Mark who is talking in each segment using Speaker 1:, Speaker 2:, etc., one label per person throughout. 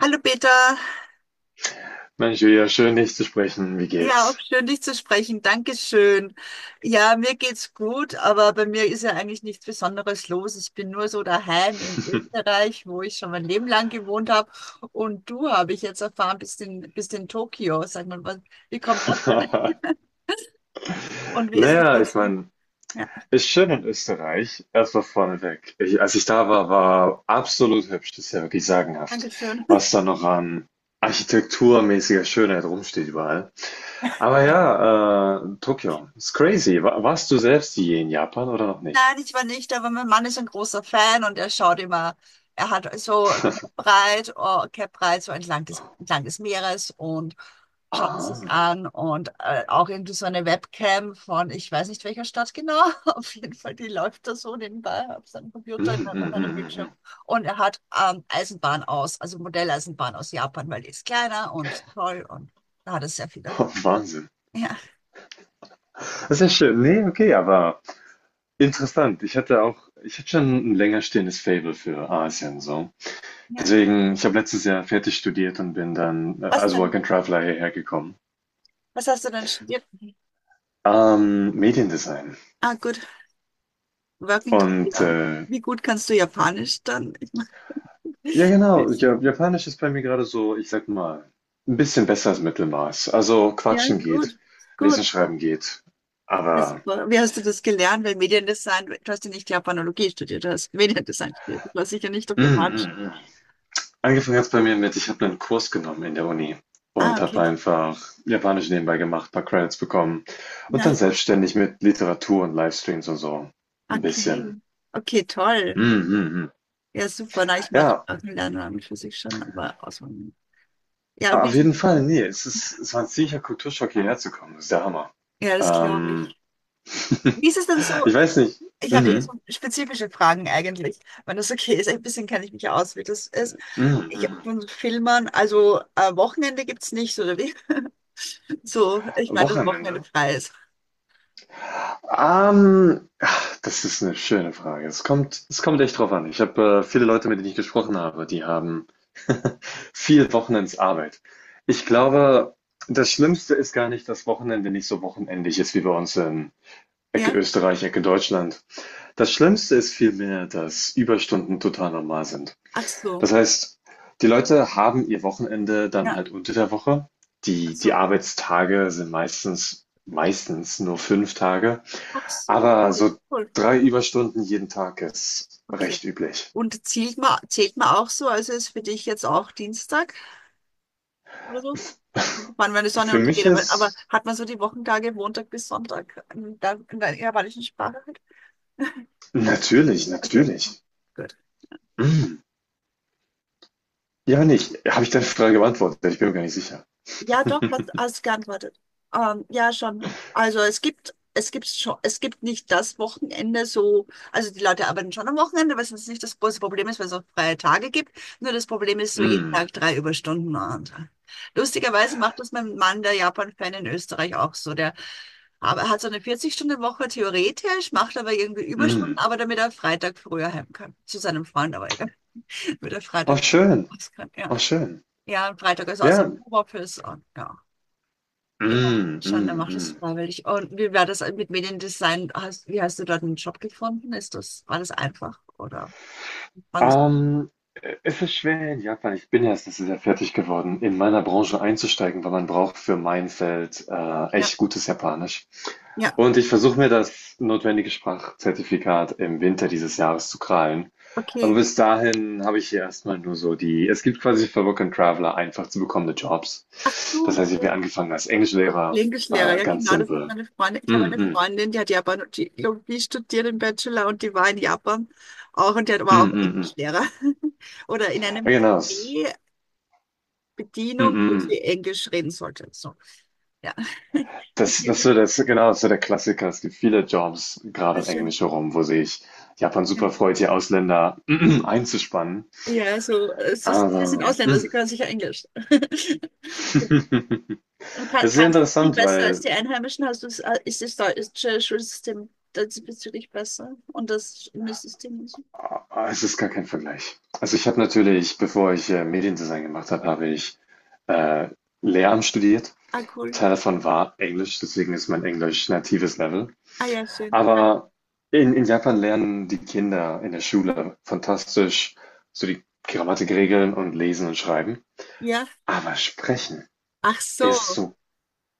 Speaker 1: Hallo Peter,
Speaker 2: Mensch, wieder schön, dich zu sprechen. Wie
Speaker 1: ja, auch
Speaker 2: geht's?
Speaker 1: schön dich zu sprechen. Dankeschön. Ja, mir geht's gut, aber bei mir ist ja eigentlich nichts Besonderes los. Ich bin nur so daheim in Österreich, wo ich schon mein Leben lang gewohnt habe. Und du, habe ich jetzt erfahren, bist in Tokio. Sag mal, wie kommt das denn? Und wie ist es
Speaker 2: Naja, ich
Speaker 1: dazu?
Speaker 2: meine,
Speaker 1: Ja,
Speaker 2: ist schön in Österreich. Erstmal vorneweg. Ich, als ich da war, war absolut hübsch. Das ist ja wirklich sagenhaft,
Speaker 1: Dankeschön.
Speaker 2: was da noch an architekturmäßiger Schönheit rumsteht überall. Aber
Speaker 1: Danke.
Speaker 2: ja, Tokio ist crazy. Warst du selbst je in Japan oder noch nicht?
Speaker 1: Nein, ich war nicht, aber mein Mann ist ein großer Fan und er schaut immer, er hat so Cape Ride so entlang des Meeres und schauen
Speaker 2: Ah.
Speaker 1: sich an und auch irgendwie so eine Webcam von, ich weiß nicht welcher Stadt genau, auf jeden Fall, die läuft da so nebenbei auf seinem
Speaker 2: Mm,
Speaker 1: Computer,
Speaker 2: mm,
Speaker 1: auf
Speaker 2: mm,
Speaker 1: einem
Speaker 2: mm, mm.
Speaker 1: Bildschirm. Und er hat also Modelleisenbahn aus Japan, weil die ist kleiner und toll und da hat er sehr viel davon.
Speaker 2: Wahnsinn.
Speaker 1: Ja,
Speaker 2: Das ist ja schön. Nee, okay, aber. Interessant. Ich hatte schon ein länger stehendes Faible für Asien so.
Speaker 1: ja.
Speaker 2: Deswegen ich habe letztes Jahr fertig studiert und bin dann,
Speaker 1: Was
Speaker 2: als Work
Speaker 1: denn?
Speaker 2: and Traveler hierher gekommen.
Speaker 1: Was hast du denn studiert?
Speaker 2: Mediendesign
Speaker 1: Ah, gut, Working
Speaker 2: und,
Speaker 1: Travel.
Speaker 2: äh
Speaker 1: Wie gut kannst du Japanisch dann? Ich meine,
Speaker 2: ja genau, ja Japanisch ist bei mir gerade so, ich sag mal, ein bisschen besser als Mittelmaß. Also,
Speaker 1: ja,
Speaker 2: quatschen geht,
Speaker 1: gut,
Speaker 2: lesen,
Speaker 1: gut, gut.
Speaker 2: schreiben geht,
Speaker 1: Ja,
Speaker 2: aber.
Speaker 1: super. Wie hast du das gelernt? Weil Mediendesign, du hast ja nicht Japanologie studiert, du hast Mediendesign studiert. Das war sicher nicht auf
Speaker 2: Mm,
Speaker 1: Japanisch.
Speaker 2: mm, mm. Angefangen hat es bei mir mit, ich habe einen Kurs genommen in der Uni
Speaker 1: Ah,
Speaker 2: und habe
Speaker 1: okay.
Speaker 2: einfach Japanisch nebenbei gemacht, paar Credits bekommen und dann
Speaker 1: Ja,
Speaker 2: selbstständig mit Literatur und Livestreams und so ein
Speaker 1: okay.
Speaker 2: bisschen.
Speaker 1: Okay, toll.
Speaker 2: Mhm, mhm.
Speaker 1: Ja, super. Na, ich mag
Speaker 2: Ja,
Speaker 1: Lernen an und für sich schon, aber auswandern. Ja, und wie
Speaker 2: auf
Speaker 1: ist es?
Speaker 2: jeden Fall, nee, es war ein ziemlicher Kulturschock, hierher zu kommen. Das ist der Hammer.
Speaker 1: Ja, das glaube
Speaker 2: Ähm,
Speaker 1: ich. Wie ist es denn so?
Speaker 2: ich weiß nicht.
Speaker 1: Ich habe eh
Speaker 2: Mhm,
Speaker 1: so spezifische Fragen eigentlich, wenn das okay ist. Ein bisschen kenne ich mich ja aus, wie das ist.
Speaker 2: mhm,
Speaker 1: Ich
Speaker 2: mhm.
Speaker 1: von Filmern, also Wochenende gibt es nicht, oder wie? So, ich meine, dass Wochenende
Speaker 2: Wochenende.
Speaker 1: frei ist.
Speaker 2: Ach, das ist eine schöne Frage. Es kommt echt drauf an. Ich habe, viele Leute, mit denen ich gesprochen habe, die haben viel Wochenendsarbeit. Ich glaube, das Schlimmste ist gar nicht, dass Wochenende nicht so wochenendlich ist wie bei uns in Ecke
Speaker 1: Ja?
Speaker 2: Österreich, Ecke Deutschland. Das Schlimmste ist vielmehr, dass Überstunden total normal sind.
Speaker 1: Ach so.
Speaker 2: Das heißt, die Leute haben ihr Wochenende dann
Speaker 1: Ja.
Speaker 2: halt unter der Woche.
Speaker 1: Ach
Speaker 2: Die
Speaker 1: so.
Speaker 2: Arbeitstage sind meistens nur 5 Tage.
Speaker 1: Ach so,
Speaker 2: Aber
Speaker 1: cool,
Speaker 2: so
Speaker 1: cool.
Speaker 2: 3 Überstunden jeden Tag ist
Speaker 1: Okay.
Speaker 2: recht üblich.
Speaker 1: Und zählt man auch so, also ist für dich jetzt auch Dienstag oder so? Wann, wenn die Sonne
Speaker 2: Für mich
Speaker 1: untergeht, aber
Speaker 2: ist
Speaker 1: hat man so die Wochentage Montag bis Sonntag in der japanischen Sprache halt?
Speaker 2: natürlich,
Speaker 1: Okay, okay.
Speaker 2: natürlich.
Speaker 1: Gut.
Speaker 2: Mm. Ja, nicht. Habe ich deine Frage beantwortet? Ich bin mir gar nicht sicher.
Speaker 1: Ja, doch, hast, hast geantwortet. Ja, schon. Also es gibt nicht das Wochenende so, also die Leute arbeiten schon am Wochenende, was jetzt nicht das große Problem ist, weil es auch freie Tage gibt. Nur das Problem ist so jeden
Speaker 2: Mm,
Speaker 1: Tag drei Überstunden. Und lustigerweise macht das mein Mann, der Japan-Fan in Österreich, auch so. Der aber hat so eine 40-Stunden-Woche theoretisch, macht aber irgendwie Überstunden,
Speaker 2: mm.
Speaker 1: aber damit er Freitag früher heim kann. Zu seinem Freund, aber egal. Damit er
Speaker 2: Oh,
Speaker 1: Freitag früh
Speaker 2: schön.
Speaker 1: raus kann, ja.
Speaker 2: Oh, schön.
Speaker 1: Ja, und Freitag ist
Speaker 2: Ja.
Speaker 1: außerdem Homeoffice und ja. Ja,
Speaker 2: Mm, mm,
Speaker 1: Schande macht es
Speaker 2: mm.
Speaker 1: freiwillig. Und wie war das mit Mediendesign? Wie hast du dort einen Job gefunden? War das einfach? Oder fangen wir's-
Speaker 2: Ähm, es ist schwer in Japan. Ich bin ja erst letztes Jahr fertig geworden, in meiner Branche einzusteigen, weil man braucht für mein Feld
Speaker 1: Ja,
Speaker 2: echt gutes Japanisch.
Speaker 1: ja,
Speaker 2: Und ich versuche mir das notwendige Sprachzertifikat im Winter dieses Jahres zu krallen. Aber
Speaker 1: okay.
Speaker 2: bis dahin habe ich hier erstmal nur so die, es gibt quasi für Work and Traveler einfach zu bekommende Jobs.
Speaker 1: So
Speaker 2: Das heißt, ich habe
Speaker 1: schön.
Speaker 2: angefangen als Englischlehrer,
Speaker 1: Englischlehrer, ja
Speaker 2: ganz
Speaker 1: genau, das hat
Speaker 2: simpel.
Speaker 1: meine Freundin.
Speaker 2: Mm,
Speaker 1: Ich habe eine
Speaker 2: mm,
Speaker 1: Freundin, die hat Japanologie studiert im Bachelor und die war in Japan auch und
Speaker 2: mm,
Speaker 1: war auch
Speaker 2: mm, mm.
Speaker 1: Englischlehrer. Oder in einem
Speaker 2: Ja, genau.
Speaker 1: Café
Speaker 2: Mm,
Speaker 1: Bedienung,
Speaker 2: mm,
Speaker 1: wo sie
Speaker 2: mm.
Speaker 1: Englisch reden sollte. So, ja.
Speaker 2: Das
Speaker 1: Okay,
Speaker 2: das so das genau, das ist genau so der Klassiker. Es gibt viele Jobs, gerade
Speaker 1: sehr
Speaker 2: im
Speaker 1: schön.
Speaker 2: Englisch herum, wo sich Japan
Speaker 1: Ja.
Speaker 2: super freut, hier Ausländer einzuspannen.
Speaker 1: Ja, so, sie sind
Speaker 2: Aber
Speaker 1: Ausländer, sie können sicher Englisch. Und Kann,
Speaker 2: es ist sehr
Speaker 1: kannst du es viel
Speaker 2: interessant,
Speaker 1: besser als
Speaker 2: weil
Speaker 1: die Einheimischen? Ist das deutsche Schulsystem diesbezüglich besser? Und das Schulsystem und so?
Speaker 2: es ist gar kein Vergleich. Also, ich habe natürlich, bevor ich, Mediendesign gemacht habe, habe ich, äh, Lehramt studiert.
Speaker 1: Ah, cool.
Speaker 2: Teil davon war Englisch, deswegen ist mein Englisch natives Level.
Speaker 1: Ah, ja, schön. Ja.
Speaker 2: Aber in Japan lernen die Kinder in der Schule fantastisch so die Grammatikregeln und Lesen und Schreiben.
Speaker 1: Ja.
Speaker 2: Aber Sprechen
Speaker 1: Ach so.
Speaker 2: ist so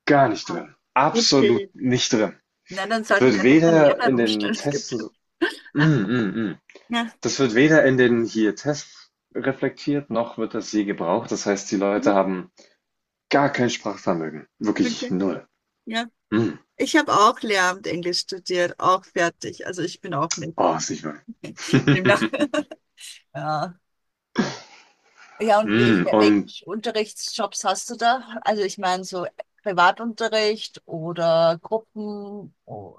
Speaker 2: gar nicht
Speaker 1: Ah,
Speaker 2: drin. Absolut
Speaker 1: okay.
Speaker 2: nicht drin.
Speaker 1: Nein, dann sollten wir
Speaker 2: Wird
Speaker 1: einfach den
Speaker 2: weder
Speaker 1: Lehrplan
Speaker 2: in den
Speaker 1: umstellen. Es
Speaker 2: Tests
Speaker 1: gibt.
Speaker 2: so. Mm, mm, mm.
Speaker 1: Ja.
Speaker 2: Das wird weder in den hier Tests reflektiert, noch wird das je gebraucht. Das heißt, die
Speaker 1: Mhm.
Speaker 2: Leute haben gar kein Sprachvermögen. Wirklich
Speaker 1: Okay.
Speaker 2: null.
Speaker 1: Ja.
Speaker 2: Mm.
Speaker 1: Ich habe auch Lehramt Englisch studiert, auch fertig. Also ich bin auch native.
Speaker 2: Oh, ist nicht wahr.
Speaker 1: Demnach. Ja. Ja, und welche,
Speaker 2: Mm. Und
Speaker 1: welche Unterrichtsjobs hast du da? Also ich meine so Privatunterricht oder Gruppen. Oh,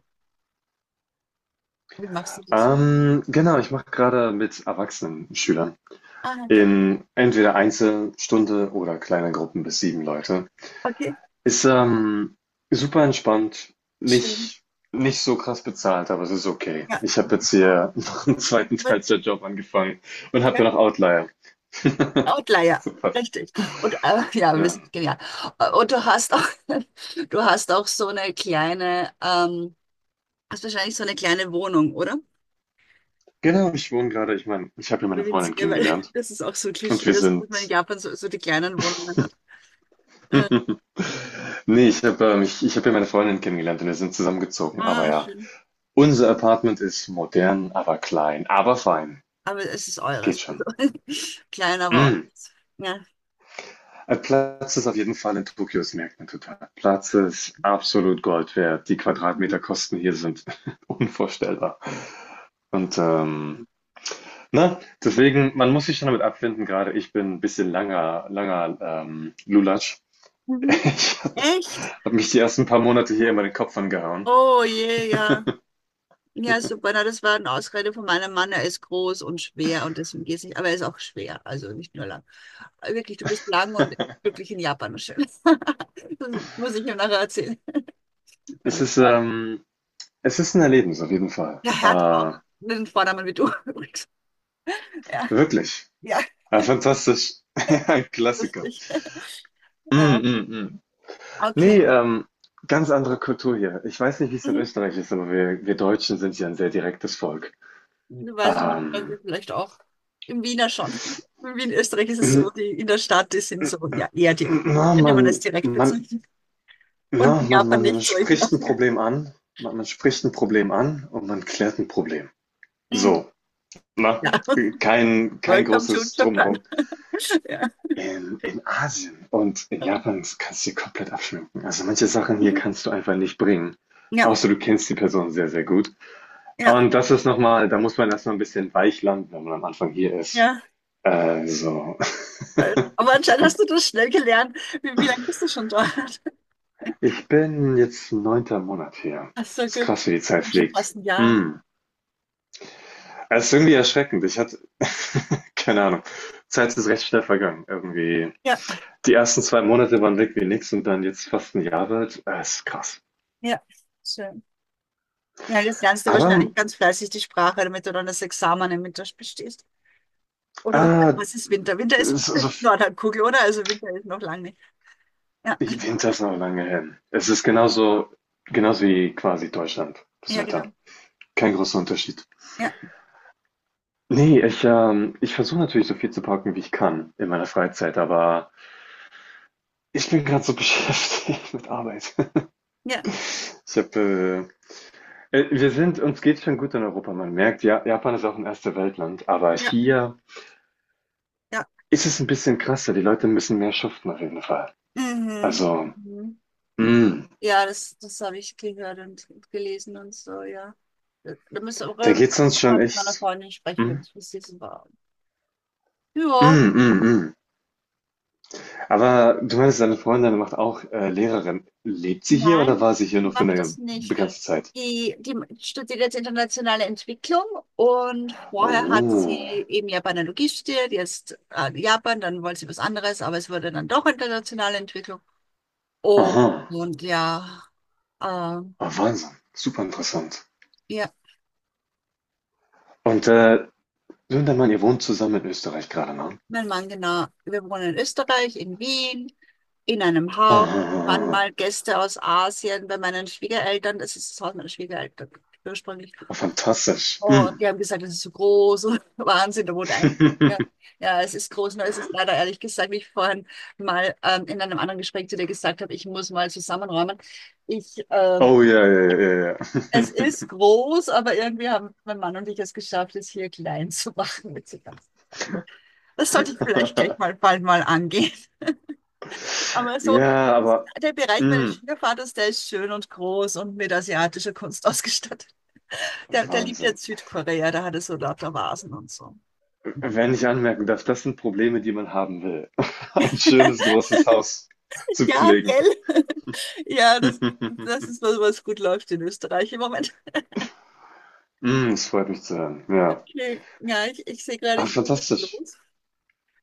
Speaker 1: wie machst du das?
Speaker 2: Genau, ich mache gerade mit erwachsenen Schülern
Speaker 1: Ah, gut.
Speaker 2: in entweder Einzelstunde oder kleine Gruppen bis 7 Leute.
Speaker 1: Okay,
Speaker 2: Ist, super entspannt,
Speaker 1: schön.
Speaker 2: nicht nicht so krass bezahlt, aber es ist okay.
Speaker 1: Ja,
Speaker 2: Ich habe jetzt hier noch einen zweiten
Speaker 1: aber-
Speaker 2: Teilzeitjob angefangen und
Speaker 1: ja.
Speaker 2: habe ja noch Outlier.
Speaker 1: Outlier,
Speaker 2: Super.
Speaker 1: richtig. Und ja, wir
Speaker 2: Ja.
Speaker 1: sind genial. Und du hast auch, du hast auch so eine kleine, hast wahrscheinlich so eine kleine Wohnung, oder?
Speaker 2: Genau, ich wohne gerade. Ich meine, ich habe hier
Speaker 1: Oder
Speaker 2: meine Freundin
Speaker 1: winzige, weil
Speaker 2: kennengelernt
Speaker 1: das ist auch so ein
Speaker 2: und
Speaker 1: Klischee,
Speaker 2: wir
Speaker 1: dass man in
Speaker 2: sind
Speaker 1: Japan so die kleinen Wohnungen hat. Äh,
Speaker 2: ne, ich habe hier meine Freundin kennengelernt und wir sind zusammengezogen, aber
Speaker 1: ah,
Speaker 2: ja.
Speaker 1: schön.
Speaker 2: Unser Apartment ist modern, aber klein, aber fein.
Speaker 1: Aber es ist
Speaker 2: Geht
Speaker 1: eures. Also,
Speaker 2: schon.
Speaker 1: klein, aber
Speaker 2: Mm.
Speaker 1: eures. Ja.
Speaker 2: Platz ist auf jeden Fall in Tokio, das merkt man total. Platz ist absolut Gold wert. Die Quadratmeterkosten hier sind unvorstellbar. Und na, deswegen, man muss sich schon damit abfinden, gerade ich bin ein bisschen langer, langer Lulatsch.
Speaker 1: Mhm. Echt?
Speaker 2: Ich habe mich die ersten paar Monate hier immer den Kopf angehauen.
Speaker 1: Oh je, ja. Ja, super. Na, das war eine Ausrede von meinem Mann. Er ist groß und schwer und deswegen geht es nicht. Aber er ist auch schwer, also nicht nur lang. Wirklich, du bist lang und wirklich in Japan schön. Das muss ich ihm nachher erzählen. Wenn
Speaker 2: Es
Speaker 1: ich
Speaker 2: ist,
Speaker 1: darf.
Speaker 2: ähm, es ist ein Erlebnis auf jeden Fall.
Speaker 1: Ja, er hat auch
Speaker 2: Äh,
Speaker 1: einen Vornamen wie du übrigens. Ja,
Speaker 2: wirklich.
Speaker 1: ja,
Speaker 2: Ah, fantastisch. Ja, ein Klassiker.
Speaker 1: lustig.
Speaker 2: Mm,
Speaker 1: Ja,
Speaker 2: mm, mm. Nee,
Speaker 1: okay.
Speaker 2: ganz andere Kultur hier. Ich weiß nicht, wie es in
Speaker 1: Mhm.
Speaker 2: Österreich ist, aber wir Deutschen sind ja ein sehr direktes Volk.
Speaker 1: Hm. Weiß ich nicht, aber
Speaker 2: Ähm,
Speaker 1: wir vielleicht auch. Im Wiener schon. In Wien, Österreich ist es so,
Speaker 2: n-
Speaker 1: die in der Stadt, die sind so, ja, eher die,
Speaker 2: na,
Speaker 1: könnte man das direkt bezeichnen.
Speaker 2: na,
Speaker 1: Und in
Speaker 2: man,
Speaker 1: Japan
Speaker 2: man
Speaker 1: nicht so. Ich,
Speaker 2: spricht ein Problem an, man spricht ein Problem an und man klärt ein Problem.
Speaker 1: Mhm.
Speaker 2: So, na,
Speaker 1: Ja,
Speaker 2: kein
Speaker 1: welcome to
Speaker 2: großes
Speaker 1: Japan.
Speaker 2: Drumherum.
Speaker 1: Ja,
Speaker 2: In Asien und in Japan kannst du dir komplett abschminken. Also manche Sachen hier kannst du einfach nicht bringen.
Speaker 1: ja,
Speaker 2: Außer du kennst die Person sehr, sehr gut.
Speaker 1: ja.
Speaker 2: Und das ist nochmal, da muss man erstmal ein bisschen weich landen, wenn man am Anfang hier ist. So.
Speaker 1: ja. Aber anscheinend hast du das schnell gelernt. Wie lange bist du schon dort?
Speaker 2: Ich bin jetzt neunter Monat hier.
Speaker 1: Ach so,
Speaker 2: Ist
Speaker 1: gut.
Speaker 2: krass, wie die Zeit
Speaker 1: Schon
Speaker 2: fliegt.
Speaker 1: fast ein Jahr.
Speaker 2: Hm. Es ist irgendwie erschreckend. Ich hatte, keine Ahnung. Zeit ist recht schnell vergangen. Irgendwie.
Speaker 1: Ja,
Speaker 2: Die ersten 2 Monate waren weg wie nix und dann jetzt fast ein Jahr wird. Ist krass.
Speaker 1: ja, schön. Ja, jetzt lernst du
Speaker 2: Aber
Speaker 1: wahrscheinlich ganz fleißig die Sprache, damit du dann das Examen im mit bestehst. Oder was,
Speaker 2: Ah,
Speaker 1: was ist Winter? Winter ist
Speaker 2: so,
Speaker 1: Nordhalbkugel, oder? Also Winter ist noch lange nicht. Ja,
Speaker 2: Winter ist noch lange hin. Es ist genauso, genauso wie quasi Deutschland, das
Speaker 1: ja,
Speaker 2: Wetter.
Speaker 1: genau.
Speaker 2: Kein großer Unterschied.
Speaker 1: Ja,
Speaker 2: Nee, ich versuche natürlich so viel zu parken, wie ich kann in meiner Freizeit, aber ich bin gerade so beschäftigt mit Arbeit.
Speaker 1: ja,
Speaker 2: Ich habe, wir sind, uns geht's schon gut in Europa. Man merkt, ja, Japan ist auch ein erste Weltland, aber
Speaker 1: ja,
Speaker 2: hier
Speaker 1: ja.
Speaker 2: ist es ein bisschen krasser. Die Leute müssen mehr schuften auf jeden Fall.
Speaker 1: Mhm.
Speaker 2: Also,
Speaker 1: Mhm.
Speaker 2: mm,
Speaker 1: Ja, das habe ich gehört und, gelesen und so, ja. Da müssen
Speaker 2: da
Speaker 1: wir
Speaker 2: geht's uns
Speaker 1: auch mal
Speaker 2: schon
Speaker 1: mit meiner
Speaker 2: echt.
Speaker 1: Freundin sprechen,
Speaker 2: Mm,
Speaker 1: wenn ich was lesen war. Ja,
Speaker 2: mm, mm, mm. Aber du meinst, deine Freundin macht auch Lehrerin. Lebt sie hier oder
Speaker 1: Nein,
Speaker 2: war sie hier
Speaker 1: die
Speaker 2: nur für
Speaker 1: macht das
Speaker 2: eine
Speaker 1: nicht.
Speaker 2: begrenzte Zeit?
Speaker 1: Die studiert jetzt internationale Entwicklung und vorher hat
Speaker 2: Oh,
Speaker 1: sie eben Japanologie studiert, jetzt Japan, dann wollte sie was anderes, aber es wurde dann doch internationale Entwicklung. Und,
Speaker 2: aha,
Speaker 1: und ja, äh,
Speaker 2: oh, Wahnsinn, super interessant.
Speaker 1: ja,
Speaker 2: Und du und dein Mann, ihr wohnt zusammen in Österreich gerade, ne?
Speaker 1: mein Mann, genau. Wir wohnen in Österreich, in Wien, in einem Haus. Waren
Speaker 2: Ah,
Speaker 1: mal Gäste aus Asien bei meinen Schwiegereltern. Das ist das Haus meiner Schwiegereltern ursprünglich.
Speaker 2: oh, fantastisch.
Speaker 1: Und
Speaker 2: Mm.
Speaker 1: die haben gesagt, das ist so groß und Wahnsinn, da wurde ein. Ja, ja, es ist groß, nur es ist leider ehrlich gesagt, wie ich vorhin mal in einem anderen Gespräch zu dir gesagt habe, ich muss mal zusammenräumen. Ich, ähm,
Speaker 2: Oh ja, ja, ja,
Speaker 1: es ist groß, aber irgendwie haben mein Mann und ich es geschafft, es hier klein zu machen mit so ganz. Das sollte ich
Speaker 2: ja.
Speaker 1: vielleicht gleich
Speaker 2: Ja,
Speaker 1: mal bald mal angehen. Aber so,
Speaker 2: ja, aber
Speaker 1: der Bereich meines
Speaker 2: mm,
Speaker 1: Schwiegervaters, der ist schön und groß und mit asiatischer Kunst ausgestattet. Der liebt
Speaker 2: Wahnsinn.
Speaker 1: jetzt Südkorea, da hat er so lauter Vasen und so. Ja.
Speaker 2: Wenn ich anmerken darf, das sind Probleme, die man haben will. Ein schönes, großes Haus zu
Speaker 1: Ja,
Speaker 2: pflegen.
Speaker 1: gell? Ja, das ist was, was gut läuft in Österreich im Moment.
Speaker 2: Das freut mich zu hören. Ja.
Speaker 1: Okay. Ja, ich sehe gerade,
Speaker 2: Ah,
Speaker 1: ich muss jetzt
Speaker 2: fantastisch.
Speaker 1: los.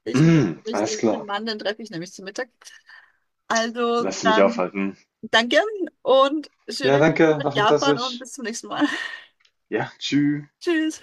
Speaker 1: Ich muss
Speaker 2: Mm,
Speaker 1: mich
Speaker 2: alles
Speaker 1: den
Speaker 2: klar.
Speaker 1: Mann, den treffe ich nämlich zum Mittag. Also
Speaker 2: Lass dich nicht
Speaker 1: dann
Speaker 2: aufhalten.
Speaker 1: danke und
Speaker 2: Ja,
Speaker 1: schöne Grüße
Speaker 2: danke,
Speaker 1: nach
Speaker 2: war
Speaker 1: Japan und
Speaker 2: fantastisch.
Speaker 1: bis zum nächsten Mal.
Speaker 2: Ja, tschüss.
Speaker 1: Tschüss.